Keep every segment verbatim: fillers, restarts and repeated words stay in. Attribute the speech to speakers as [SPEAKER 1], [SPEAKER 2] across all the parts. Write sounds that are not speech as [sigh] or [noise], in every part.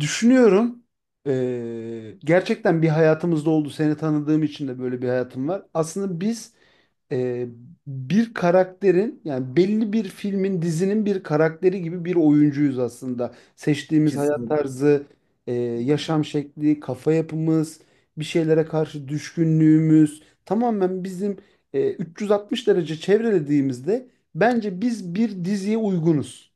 [SPEAKER 1] Düşünüyorum. Ee, gerçekten bir hayatımızda oldu. Seni tanıdığım için de böyle bir hayatım var. Aslında biz e, bir karakterin, yani belli bir filmin, dizinin bir karakteri gibi bir oyuncuyuz aslında. Seçtiğimiz hayat
[SPEAKER 2] Kesinlikle.
[SPEAKER 1] tarzı, e, yaşam şekli, kafa yapımız, bir şeylere karşı düşkünlüğümüz tamamen bizim, e, üç yüz altmış derece çevrelediğimizde bence biz bir diziye uygunuz.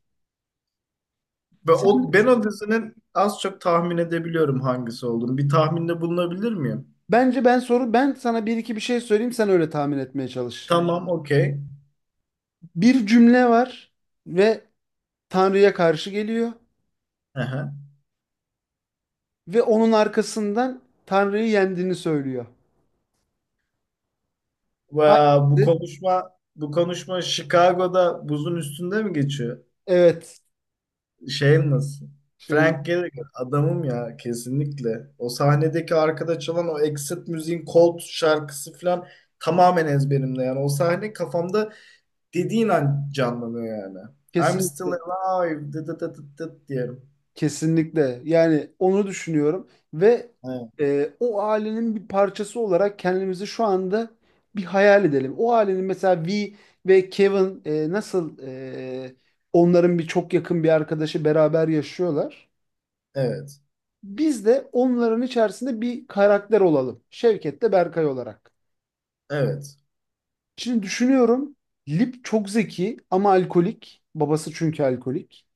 [SPEAKER 2] Ve
[SPEAKER 1] Sen
[SPEAKER 2] o, ben
[SPEAKER 1] ne
[SPEAKER 2] o dizinin az çok tahmin edebiliyorum hangisi olduğunu. Bir tahminde bulunabilir miyim?
[SPEAKER 1] Bence ben, soru, ben sana bir iki bir şey söyleyeyim, sen öyle tahmin etmeye çalış.
[SPEAKER 2] Tamam, okey.
[SPEAKER 1] Bir cümle var ve Tanrı'ya karşı geliyor
[SPEAKER 2] Aha.
[SPEAKER 1] ve onun arkasından Tanrı'yı yendiğini söylüyor.
[SPEAKER 2] Ve bu
[SPEAKER 1] Hangisi?
[SPEAKER 2] konuşma bu konuşma Chicago'da buzun üstünde mi geçiyor?
[SPEAKER 1] Evet.
[SPEAKER 2] Şey nasıl?
[SPEAKER 1] Şey,
[SPEAKER 2] Frank Gallagher adamım ya kesinlikle. O sahnedeki arkada çalan o Exit müziğin Cold şarkısı falan tamamen ezberimde yani. O sahne kafamda dediğin an canlanıyor yani. I'm still
[SPEAKER 1] kesinlikle.
[SPEAKER 2] alive dıt dıt dıt dıt diyorum.
[SPEAKER 1] Kesinlikle. Yani onu düşünüyorum ve
[SPEAKER 2] Evet.
[SPEAKER 1] e, o ailenin bir parçası olarak kendimizi şu anda bir hayal edelim. O ailenin mesela V ve Kevin, e, nasıl, e, onların bir çok yakın bir arkadaşı beraber yaşıyorlar.
[SPEAKER 2] Evet.
[SPEAKER 1] Biz de onların içerisinde bir karakter olalım. Şevket de Berkay olarak.
[SPEAKER 2] Evet.
[SPEAKER 1] Şimdi düşünüyorum. Lip çok zeki ama alkolik. Babası çünkü alkolik.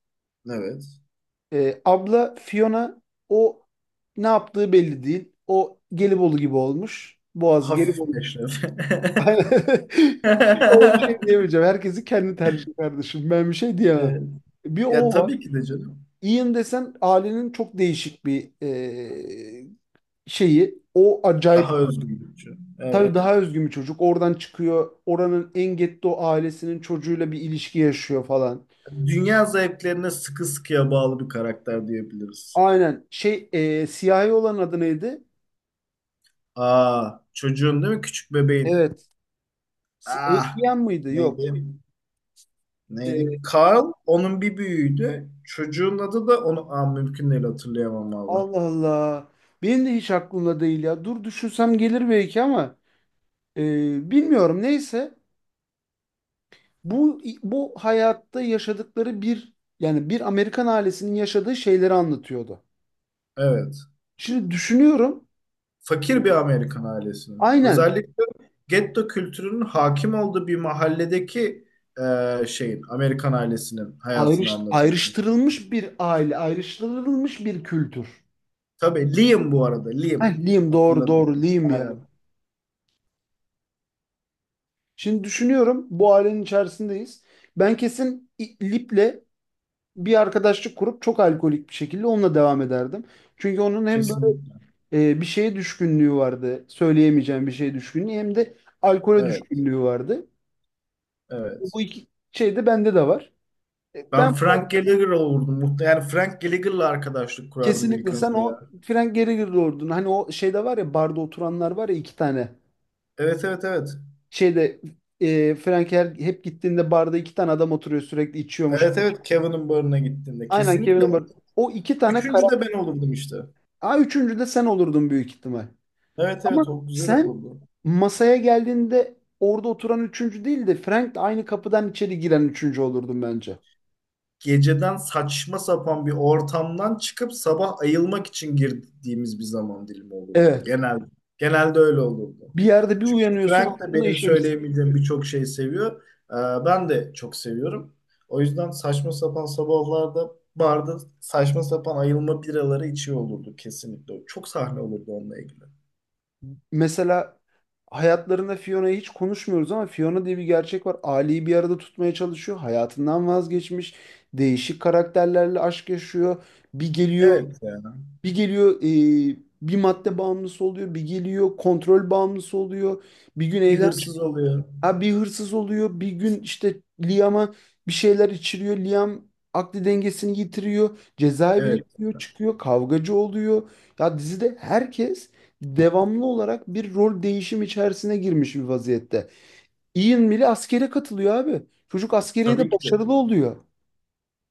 [SPEAKER 2] Evet.
[SPEAKER 1] Ee, abla Fiona, o ne yaptığı belli değil. O Gelibolu gibi olmuş. Boğaz
[SPEAKER 2] Hafif
[SPEAKER 1] Gelibolu.
[SPEAKER 2] meşref.
[SPEAKER 1] [laughs]
[SPEAKER 2] [laughs]
[SPEAKER 1] Aynen. Ona bir şey diyemeyeceğim. Herkesi kendi tercih kardeşim. Ben bir şey diyemem.
[SPEAKER 2] Evet.
[SPEAKER 1] Bir
[SPEAKER 2] Ya
[SPEAKER 1] o var.
[SPEAKER 2] tabii ki de canım.
[SPEAKER 1] Ian desen, ailenin çok değişik bir e, şeyi. O acayip.
[SPEAKER 2] Daha özgürlükçü.
[SPEAKER 1] Tabii
[SPEAKER 2] Evet.
[SPEAKER 1] daha özgün bir çocuk. Oradan çıkıyor. Oranın en getto ailesinin çocuğuyla bir ilişki yaşıyor falan.
[SPEAKER 2] Dünya zevklerine sıkı sıkıya bağlı bir karakter diyebiliriz.
[SPEAKER 1] Aynen. Şey, e, siyahi olan adı neydi?
[SPEAKER 2] Aa, çocuğun değil mi? Küçük bebeğin.
[SPEAKER 1] Evet. S-
[SPEAKER 2] Ah,
[SPEAKER 1] Adrian mıydı? Yok.
[SPEAKER 2] neydi? Neydi?
[SPEAKER 1] E,
[SPEAKER 2] Carl onun bir büyüğüydü. Çocuğun adı da onu Aa, mümkün değil hatırlayamam abi.
[SPEAKER 1] Allah Allah. Benim de hiç aklımda değil ya. Dur düşünsem gelir belki ama e, bilmiyorum. Neyse. Bu bu hayatta yaşadıkları bir, yani bir Amerikan ailesinin yaşadığı şeyleri anlatıyordu.
[SPEAKER 2] Evet.
[SPEAKER 1] Şimdi düşünüyorum.
[SPEAKER 2] Fakir bir Amerikan ailesinin.
[SPEAKER 1] Aynen.
[SPEAKER 2] Özellikle getto kültürünün hakim olduğu bir mahalledeki e, şeyin, Amerikan ailesinin hayatını
[SPEAKER 1] Ayrış,
[SPEAKER 2] anlatıyor.
[SPEAKER 1] ayrıştırılmış bir aile, ayrıştırılmış bir kültür.
[SPEAKER 2] Tabii Liam bu arada, Liam.
[SPEAKER 1] Heh, Liam, doğru
[SPEAKER 2] Hatırladım.
[SPEAKER 1] doğru, Liam ya.
[SPEAKER 2] Aynen.
[SPEAKER 1] Şimdi düşünüyorum, bu ailenin içerisindeyiz. Ben kesin İ- Lip'le bir arkadaşlık kurup çok alkolik bir şekilde onunla devam ederdim. Çünkü onun hem böyle
[SPEAKER 2] Kesinlikle.
[SPEAKER 1] e, bir şeye düşkünlüğü vardı, söyleyemeyeceğim bir şeye düşkünlüğü, hem de alkole
[SPEAKER 2] Evet,
[SPEAKER 1] düşkünlüğü vardı.
[SPEAKER 2] evet.
[SPEAKER 1] Bu iki şey de bende de var. E,
[SPEAKER 2] Ben
[SPEAKER 1] Ben o-
[SPEAKER 2] Frank Gallagher olurdum. Muhte- Yani Frank Gallagher'la arkadaşlık kurardım ilk
[SPEAKER 1] kesinlikle sen
[SPEAKER 2] önce ya.
[SPEAKER 1] o Frank Gallagher ordun. Hani o şeyde var ya, barda oturanlar var ya, iki tane.
[SPEAKER 2] Evet, evet, evet.
[SPEAKER 1] Şeyde, e, Frank her, hep gittiğinde barda iki tane adam oturuyor sürekli içiyormuş.
[SPEAKER 2] Evet, evet. Kevin'in barına gittiğimde.
[SPEAKER 1] Aynen
[SPEAKER 2] Kesinlikle.
[SPEAKER 1] Kevin
[SPEAKER 2] O,
[SPEAKER 1] Hart. O iki tane
[SPEAKER 2] üçüncü de
[SPEAKER 1] karakter.
[SPEAKER 2] ben olurdum işte.
[SPEAKER 1] Ha, üçüncü de sen olurdun büyük ihtimal.
[SPEAKER 2] Evet,
[SPEAKER 1] Ama
[SPEAKER 2] evet. O güzel
[SPEAKER 1] sen
[SPEAKER 2] olurdu.
[SPEAKER 1] masaya geldiğinde orada oturan üçüncü değil de Frank de aynı kapıdan içeri giren üçüncü olurdun bence.
[SPEAKER 2] Geceden saçma sapan bir ortamdan çıkıp sabah ayılmak için girdiğimiz bir zaman dilimi olurdu.
[SPEAKER 1] Evet.
[SPEAKER 2] Genelde, genelde öyle olurdu.
[SPEAKER 1] Bir yerde bir
[SPEAKER 2] Çünkü
[SPEAKER 1] uyanıyorsun
[SPEAKER 2] Frank de
[SPEAKER 1] altına
[SPEAKER 2] benim
[SPEAKER 1] işemiş.
[SPEAKER 2] söyleyemeyeceğim birçok şeyi seviyor. Ee, ben de çok seviyorum. O yüzden saçma sapan sabahlarda barda saçma sapan ayılma biraları içiyor olurdu kesinlikle. Çok sahne olurdu onunla ilgili.
[SPEAKER 1] Mesela hayatlarında Fiona'yı hiç konuşmuyoruz ama Fiona diye bir gerçek var. Ali'yi bir arada tutmaya çalışıyor. Hayatından vazgeçmiş. Değişik karakterlerle aşk yaşıyor. Bir geliyor,
[SPEAKER 2] Evet yani
[SPEAKER 1] bir geliyor e, bir madde bağımlısı oluyor. Bir geliyor kontrol bağımlısı oluyor. Bir gün
[SPEAKER 2] bir
[SPEAKER 1] evden
[SPEAKER 2] hırsız oluyor.
[SPEAKER 1] Ha, bir hırsız oluyor. Bir gün işte Liam'a bir şeyler içiriyor. Liam akli dengesini yitiriyor. Cezaevine
[SPEAKER 2] Evet.
[SPEAKER 1] gidiyor, çıkıyor. Kavgacı oluyor. Ya dizide herkes devamlı olarak bir rol değişim içerisine girmiş bir vaziyette. Ian bile askere katılıyor abi. Çocuk
[SPEAKER 2] Tabii
[SPEAKER 1] askeriyede
[SPEAKER 2] ki de.
[SPEAKER 1] başarılı oluyor.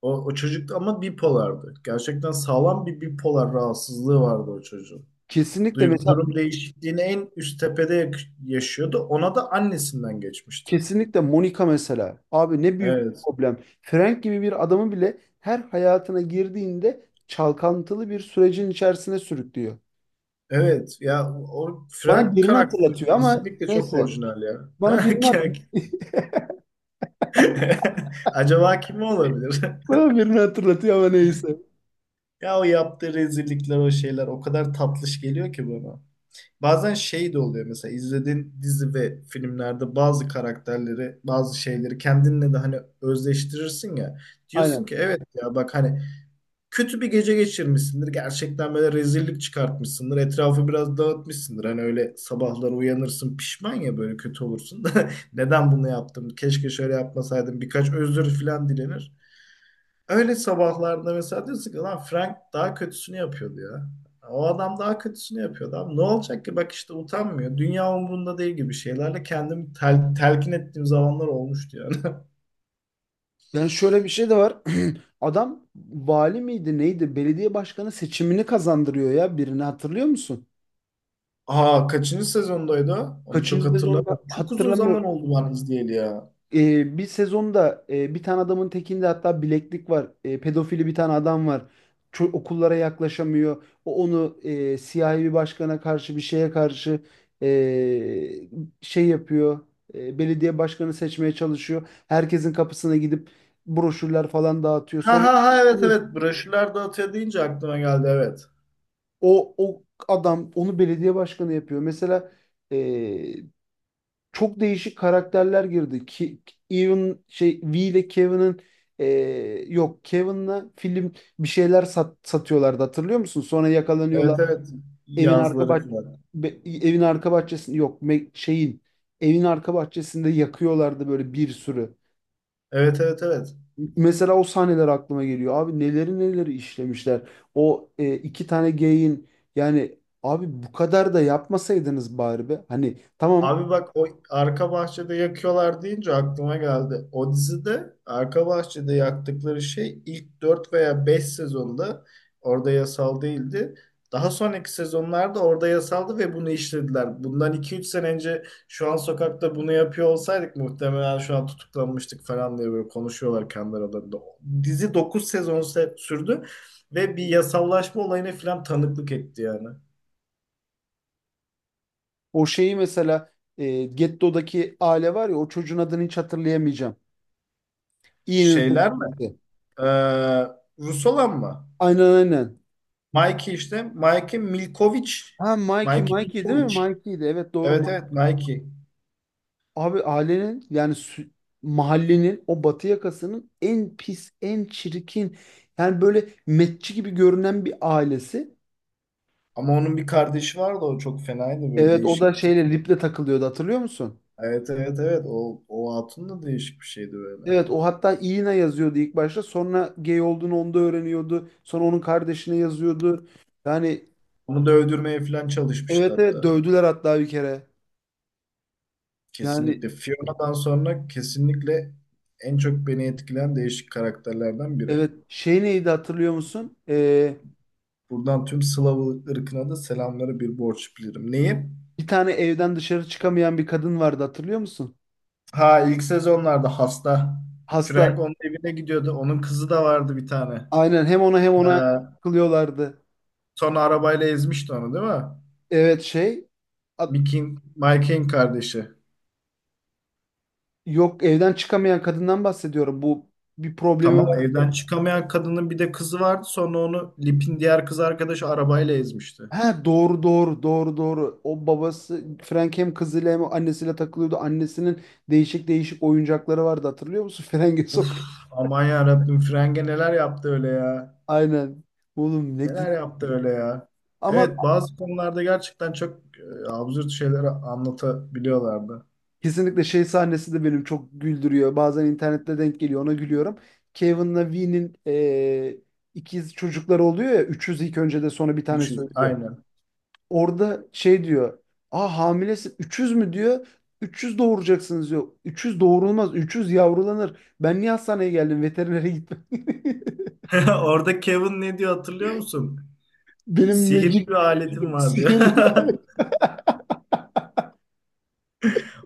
[SPEAKER 2] O, o çocuk ama bipolardı. Gerçekten sağlam bir bipolar rahatsızlığı vardı o çocuğun.
[SPEAKER 1] Kesinlikle,
[SPEAKER 2] Duygu
[SPEAKER 1] mesela,
[SPEAKER 2] durum değişikliğini en üst tepede yak- yaşıyordu. Ona da annesinden geçmişti.
[SPEAKER 1] kesinlikle Monica mesela. Abi ne büyük bir
[SPEAKER 2] Evet.
[SPEAKER 1] problem. Frank gibi bir adamı bile her hayatına girdiğinde çalkantılı bir sürecin içerisine sürüklüyor.
[SPEAKER 2] Evet. Ya o
[SPEAKER 1] Bana
[SPEAKER 2] Frank
[SPEAKER 1] birini
[SPEAKER 2] karakteri
[SPEAKER 1] hatırlatıyor ama
[SPEAKER 2] kesinlikle çok
[SPEAKER 1] neyse.
[SPEAKER 2] orijinal ya. [laughs]
[SPEAKER 1] Bana
[SPEAKER 2] Ha,
[SPEAKER 1] birini, hat-
[SPEAKER 2] kek. [laughs] Acaba kim olabilir? [laughs]
[SPEAKER 1] Bana birini hatırlatıyor ama neyse.
[SPEAKER 2] Ya o yaptığı rezillikler, o şeyler o kadar tatlış geliyor ki bana. Bazen şey de oluyor mesela izlediğin dizi ve filmlerde bazı karakterleri, bazı şeyleri kendinle de hani özdeştirirsin ya. Diyorsun
[SPEAKER 1] Aynen.
[SPEAKER 2] ki evet ya bak hani kötü bir gece geçirmişsindir. Gerçekten böyle rezillik çıkartmışsındır. Etrafı biraz dağıtmışsındır. Hani öyle sabahları uyanırsın pişman ya böyle kötü olursun [laughs] da neden bunu yaptım? Keşke şöyle yapmasaydım. Birkaç özür falan dilenir. Öyle sabahlarda mesela diyorsun ki lan Frank daha kötüsünü yapıyordu ya. O adam daha kötüsünü yapıyordu abi. Ne olacak ki bak işte utanmıyor. Dünya umurunda değil gibi şeylerle kendimi tel- telkin ettiğim zamanlar olmuştu yani. [laughs]
[SPEAKER 1] Yani şöyle bir şey de var. [clears throat] Adam vali miydi neydi? Belediye başkanı seçimini kazandırıyor ya, birini hatırlıyor musun?
[SPEAKER 2] Aa kaçıncı sezondaydı o? Onu çok
[SPEAKER 1] Kaçıncı sezonda
[SPEAKER 2] hatırlamıyorum. Çok uzun zaman
[SPEAKER 1] hatırlamıyorum.
[SPEAKER 2] oldu ben izleyeli ya.
[SPEAKER 1] Ee, bir sezonda e, bir tane adamın tekinde hatta bileklik var. E, pedofili bir tane adam var. Ço- okullara yaklaşamıyor. O onu e, siyahi bir başkana karşı, bir şeye karşı, e, şey yapıyor. E, belediye başkanı seçmeye çalışıyor. Herkesin kapısına gidip broşürler falan dağıtıyor.
[SPEAKER 2] Ha
[SPEAKER 1] Sonra
[SPEAKER 2] ha ha evet evet. Broşürler dağıtıyor deyince aklıma geldi evet.
[SPEAKER 1] o o adam onu belediye başkanı yapıyor. Mesela çok değişik karakterler girdi. Ki, Even şey V ile Kevin'in, e, yok, Kevin'la film bir şeyler sat, satıyorlardı hatırlıyor musun? Sonra yakalanıyorlar.
[SPEAKER 2] Evet evet.
[SPEAKER 1] Evin arka
[SPEAKER 2] Yazları
[SPEAKER 1] bah
[SPEAKER 2] falan.
[SPEAKER 1] be- evin arka bahçesinde yok me- şeyin evin arka bahçesinde yakıyorlardı böyle bir sürü.
[SPEAKER 2] Evet evet evet.
[SPEAKER 1] Mesela o sahneler aklıma geliyor. Abi neleri neleri işlemişler. O e, iki tane geyin, yani abi bu kadar da yapmasaydınız bari be. Hani tamam.
[SPEAKER 2] Abi bak o arka bahçede yakıyorlar deyince aklıma geldi. O dizide arka bahçede yaktıkları şey ilk dört veya beş sezonda orada yasal değildi. Daha sonraki sezonlarda orada yasaldı ve bunu işlediler. Bundan iki üç sene önce şu an sokakta bunu yapıyor olsaydık muhtemelen şu an tutuklanmıştık falan diye böyle konuşuyorlar kendi aralarında. Dizi dokuz sezon se- sürdü ve bir yasallaşma olayına falan tanıklık etti yani.
[SPEAKER 1] O şeyi mesela, e, Getto'daki aile var ya, o çocuğun adını hiç hatırlayamayacağım. Ian'ın
[SPEAKER 2] Şeyler mi?
[SPEAKER 1] sevgilisi.
[SPEAKER 2] Ee, Rus olan mı?
[SPEAKER 1] Aynen aynen.
[SPEAKER 2] Mikey işte. Mikey Milkovic.
[SPEAKER 1] Ha Mikey,
[SPEAKER 2] Mikey
[SPEAKER 1] Mikey değil mi?
[SPEAKER 2] Milkovic.
[SPEAKER 1] Mikey'di. Evet doğru. Ma-
[SPEAKER 2] Evet evet Mikey.
[SPEAKER 1] Abi ailenin, yani sü- mahallenin o batı yakasının en pis, en çirkin, yani böyle metçi gibi görünen bir ailesi.
[SPEAKER 2] Ama onun bir kardeşi vardı o çok fenaydı böyle
[SPEAKER 1] Evet, o
[SPEAKER 2] değişik
[SPEAKER 1] da
[SPEAKER 2] bir tip.
[SPEAKER 1] şeyle, Lip'le takılıyordu hatırlıyor musun?
[SPEAKER 2] Evet evet evet o, o hatun da değişik bir şeydi böyle.
[SPEAKER 1] Evet, o hatta Ian'a yazıyordu ilk başta, sonra gay olduğunu onda öğreniyordu. Sonra onun kardeşine yazıyordu. Yani
[SPEAKER 2] Onu da öldürmeye falan çalışmıştı
[SPEAKER 1] evet evet
[SPEAKER 2] hatta.
[SPEAKER 1] dövdüler hatta bir kere. Yani
[SPEAKER 2] Kesinlikle Fiona'dan sonra kesinlikle en çok beni etkileyen değişik karakterlerden biri.
[SPEAKER 1] evet, şey neydi hatırlıyor musun? Ee,
[SPEAKER 2] Buradan tüm Slav ırkına da selamları bir borç bilirim. Neyi?
[SPEAKER 1] bir tane evden dışarı çıkamayan bir kadın vardı hatırlıyor musun?
[SPEAKER 2] Ha ilk sezonlarda hasta.
[SPEAKER 1] Hasta,
[SPEAKER 2] Frank onun evine gidiyordu. Onun kızı da vardı bir tane.
[SPEAKER 1] aynen. Hem ona hem
[SPEAKER 2] Ee,
[SPEAKER 1] ona kılıyorlardı.
[SPEAKER 2] sonra arabayla ezmişti onu değil mi?
[SPEAKER 1] Evet şey, at-
[SPEAKER 2] Mickey'in, Mike'in kardeşi.
[SPEAKER 1] yok, evden çıkamayan kadından bahsediyorum. Bu bir problemi
[SPEAKER 2] Tamam
[SPEAKER 1] var.
[SPEAKER 2] evden çıkamayan kadının bir de kızı vardı. Sonra onu Lip'in diğer kız arkadaşı arabayla ezmişti.
[SPEAKER 1] Ha, doğru doğru doğru doğru. O babası Frank hem kızıyla hem annesiyle takılıyordu. Annesinin değişik değişik oyuncakları vardı hatırlıyor musun? [laughs] Frenge
[SPEAKER 2] Uf
[SPEAKER 1] sokuyor.
[SPEAKER 2] aman yarabbim Frenge neler yaptı öyle ya.
[SPEAKER 1] Aynen. Oğlum ne dizi.
[SPEAKER 2] Neler yaptı öyle ya.
[SPEAKER 1] Ama
[SPEAKER 2] Evet bazı konularda gerçekten çok e, absürt şeyler anlatabiliyorlardı.
[SPEAKER 1] kesinlikle şey sahnesi de benim çok güldürüyor. Bazen internette denk geliyor, ona gülüyorum. Kevin'la Vee'nin, e, ikiz çocukları oluyor ya. Üçüz ilk önce de sonra bir tane
[SPEAKER 2] üç yüz
[SPEAKER 1] söylüyor.
[SPEAKER 2] aynen.
[SPEAKER 1] Orada şey diyor. Aa, hamilesin. Üçüz mü diyor. üç yüz doğuracaksınız diyor. üç yüz doğurulmaz. üç yüz yavrulanır. Ben niye hastaneye geldim? Veterinere gitmem.
[SPEAKER 2] [laughs] Orada Kevin ne diyor hatırlıyor musun?
[SPEAKER 1] [laughs] Benim
[SPEAKER 2] Sihirli
[SPEAKER 1] magic
[SPEAKER 2] bir aletim
[SPEAKER 1] [laughs]
[SPEAKER 2] var diyor.
[SPEAKER 1] sihirli.
[SPEAKER 2] [laughs]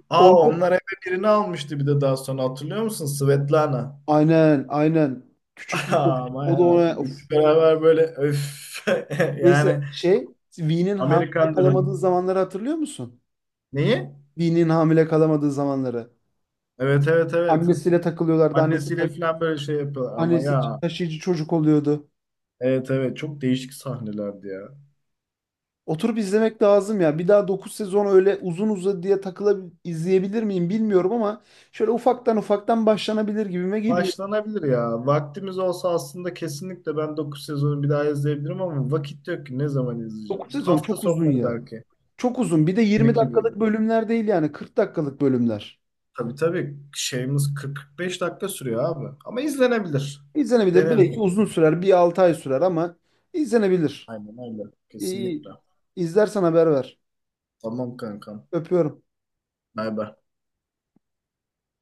[SPEAKER 2] Aa
[SPEAKER 1] Orada...
[SPEAKER 2] onlar eve birini almıştı bir de daha sonra hatırlıyor musun? Svetlana.
[SPEAKER 1] Aynen aynen. Küçük
[SPEAKER 2] [laughs]
[SPEAKER 1] bir kız.
[SPEAKER 2] Aa, aman
[SPEAKER 1] O da ona...
[SPEAKER 2] yarabbim.
[SPEAKER 1] Of.
[SPEAKER 2] Üçü beraber böyle öf. [laughs] Yani
[SPEAKER 1] Neyse şey... Vee'nin hamile
[SPEAKER 2] Amerikan Dream.
[SPEAKER 1] kalamadığı zamanları hatırlıyor musun?
[SPEAKER 2] Neyi?
[SPEAKER 1] Dinin hamile kalamadığı zamanları.
[SPEAKER 2] Evet evet evet.
[SPEAKER 1] Annesiyle takılıyorlardı. Annesi, ta-
[SPEAKER 2] Annesiyle falan böyle şey yapıyorlar ama
[SPEAKER 1] annesi
[SPEAKER 2] ya.
[SPEAKER 1] taşıyıcı çocuk oluyordu.
[SPEAKER 2] Evet evet çok değişik sahnelerdi ya.
[SPEAKER 1] Oturup izlemek lazım ya. Bir daha dokuz sezon öyle uzun uzadı diye takıla izleyebilir miyim bilmiyorum ama şöyle ufaktan ufaktan başlanabilir gibime geliyor.
[SPEAKER 2] Başlanabilir ya. Vaktimiz olsa aslında kesinlikle ben dokuz sezonu bir daha izleyebilirim ama vakit yok ki ne zaman izleyeceğim.
[SPEAKER 1] Dokuz sezon
[SPEAKER 2] Hafta
[SPEAKER 1] çok uzun
[SPEAKER 2] sonları
[SPEAKER 1] ya.
[SPEAKER 2] belki.
[SPEAKER 1] Çok uzun. Bir de
[SPEAKER 2] Bir
[SPEAKER 1] yirmi
[SPEAKER 2] iki
[SPEAKER 1] dakikalık
[SPEAKER 2] bölüm.
[SPEAKER 1] bölümler değil, yani kırk dakikalık bölümler.
[SPEAKER 2] Tabii tabii şeyimiz kırk kırk beş dakika sürüyor abi. Ama izlenebilir.
[SPEAKER 1] İzlenebilir.
[SPEAKER 2] Deneriz.
[SPEAKER 1] Belki uzun sürer. Bir altı ay sürer ama izlenebilir.
[SPEAKER 2] Aynen öyle.
[SPEAKER 1] İyi,
[SPEAKER 2] Kesinlikle.
[SPEAKER 1] izlersen haber ver.
[SPEAKER 2] Tamam kankam.
[SPEAKER 1] Öpüyorum.
[SPEAKER 2] Bay bay.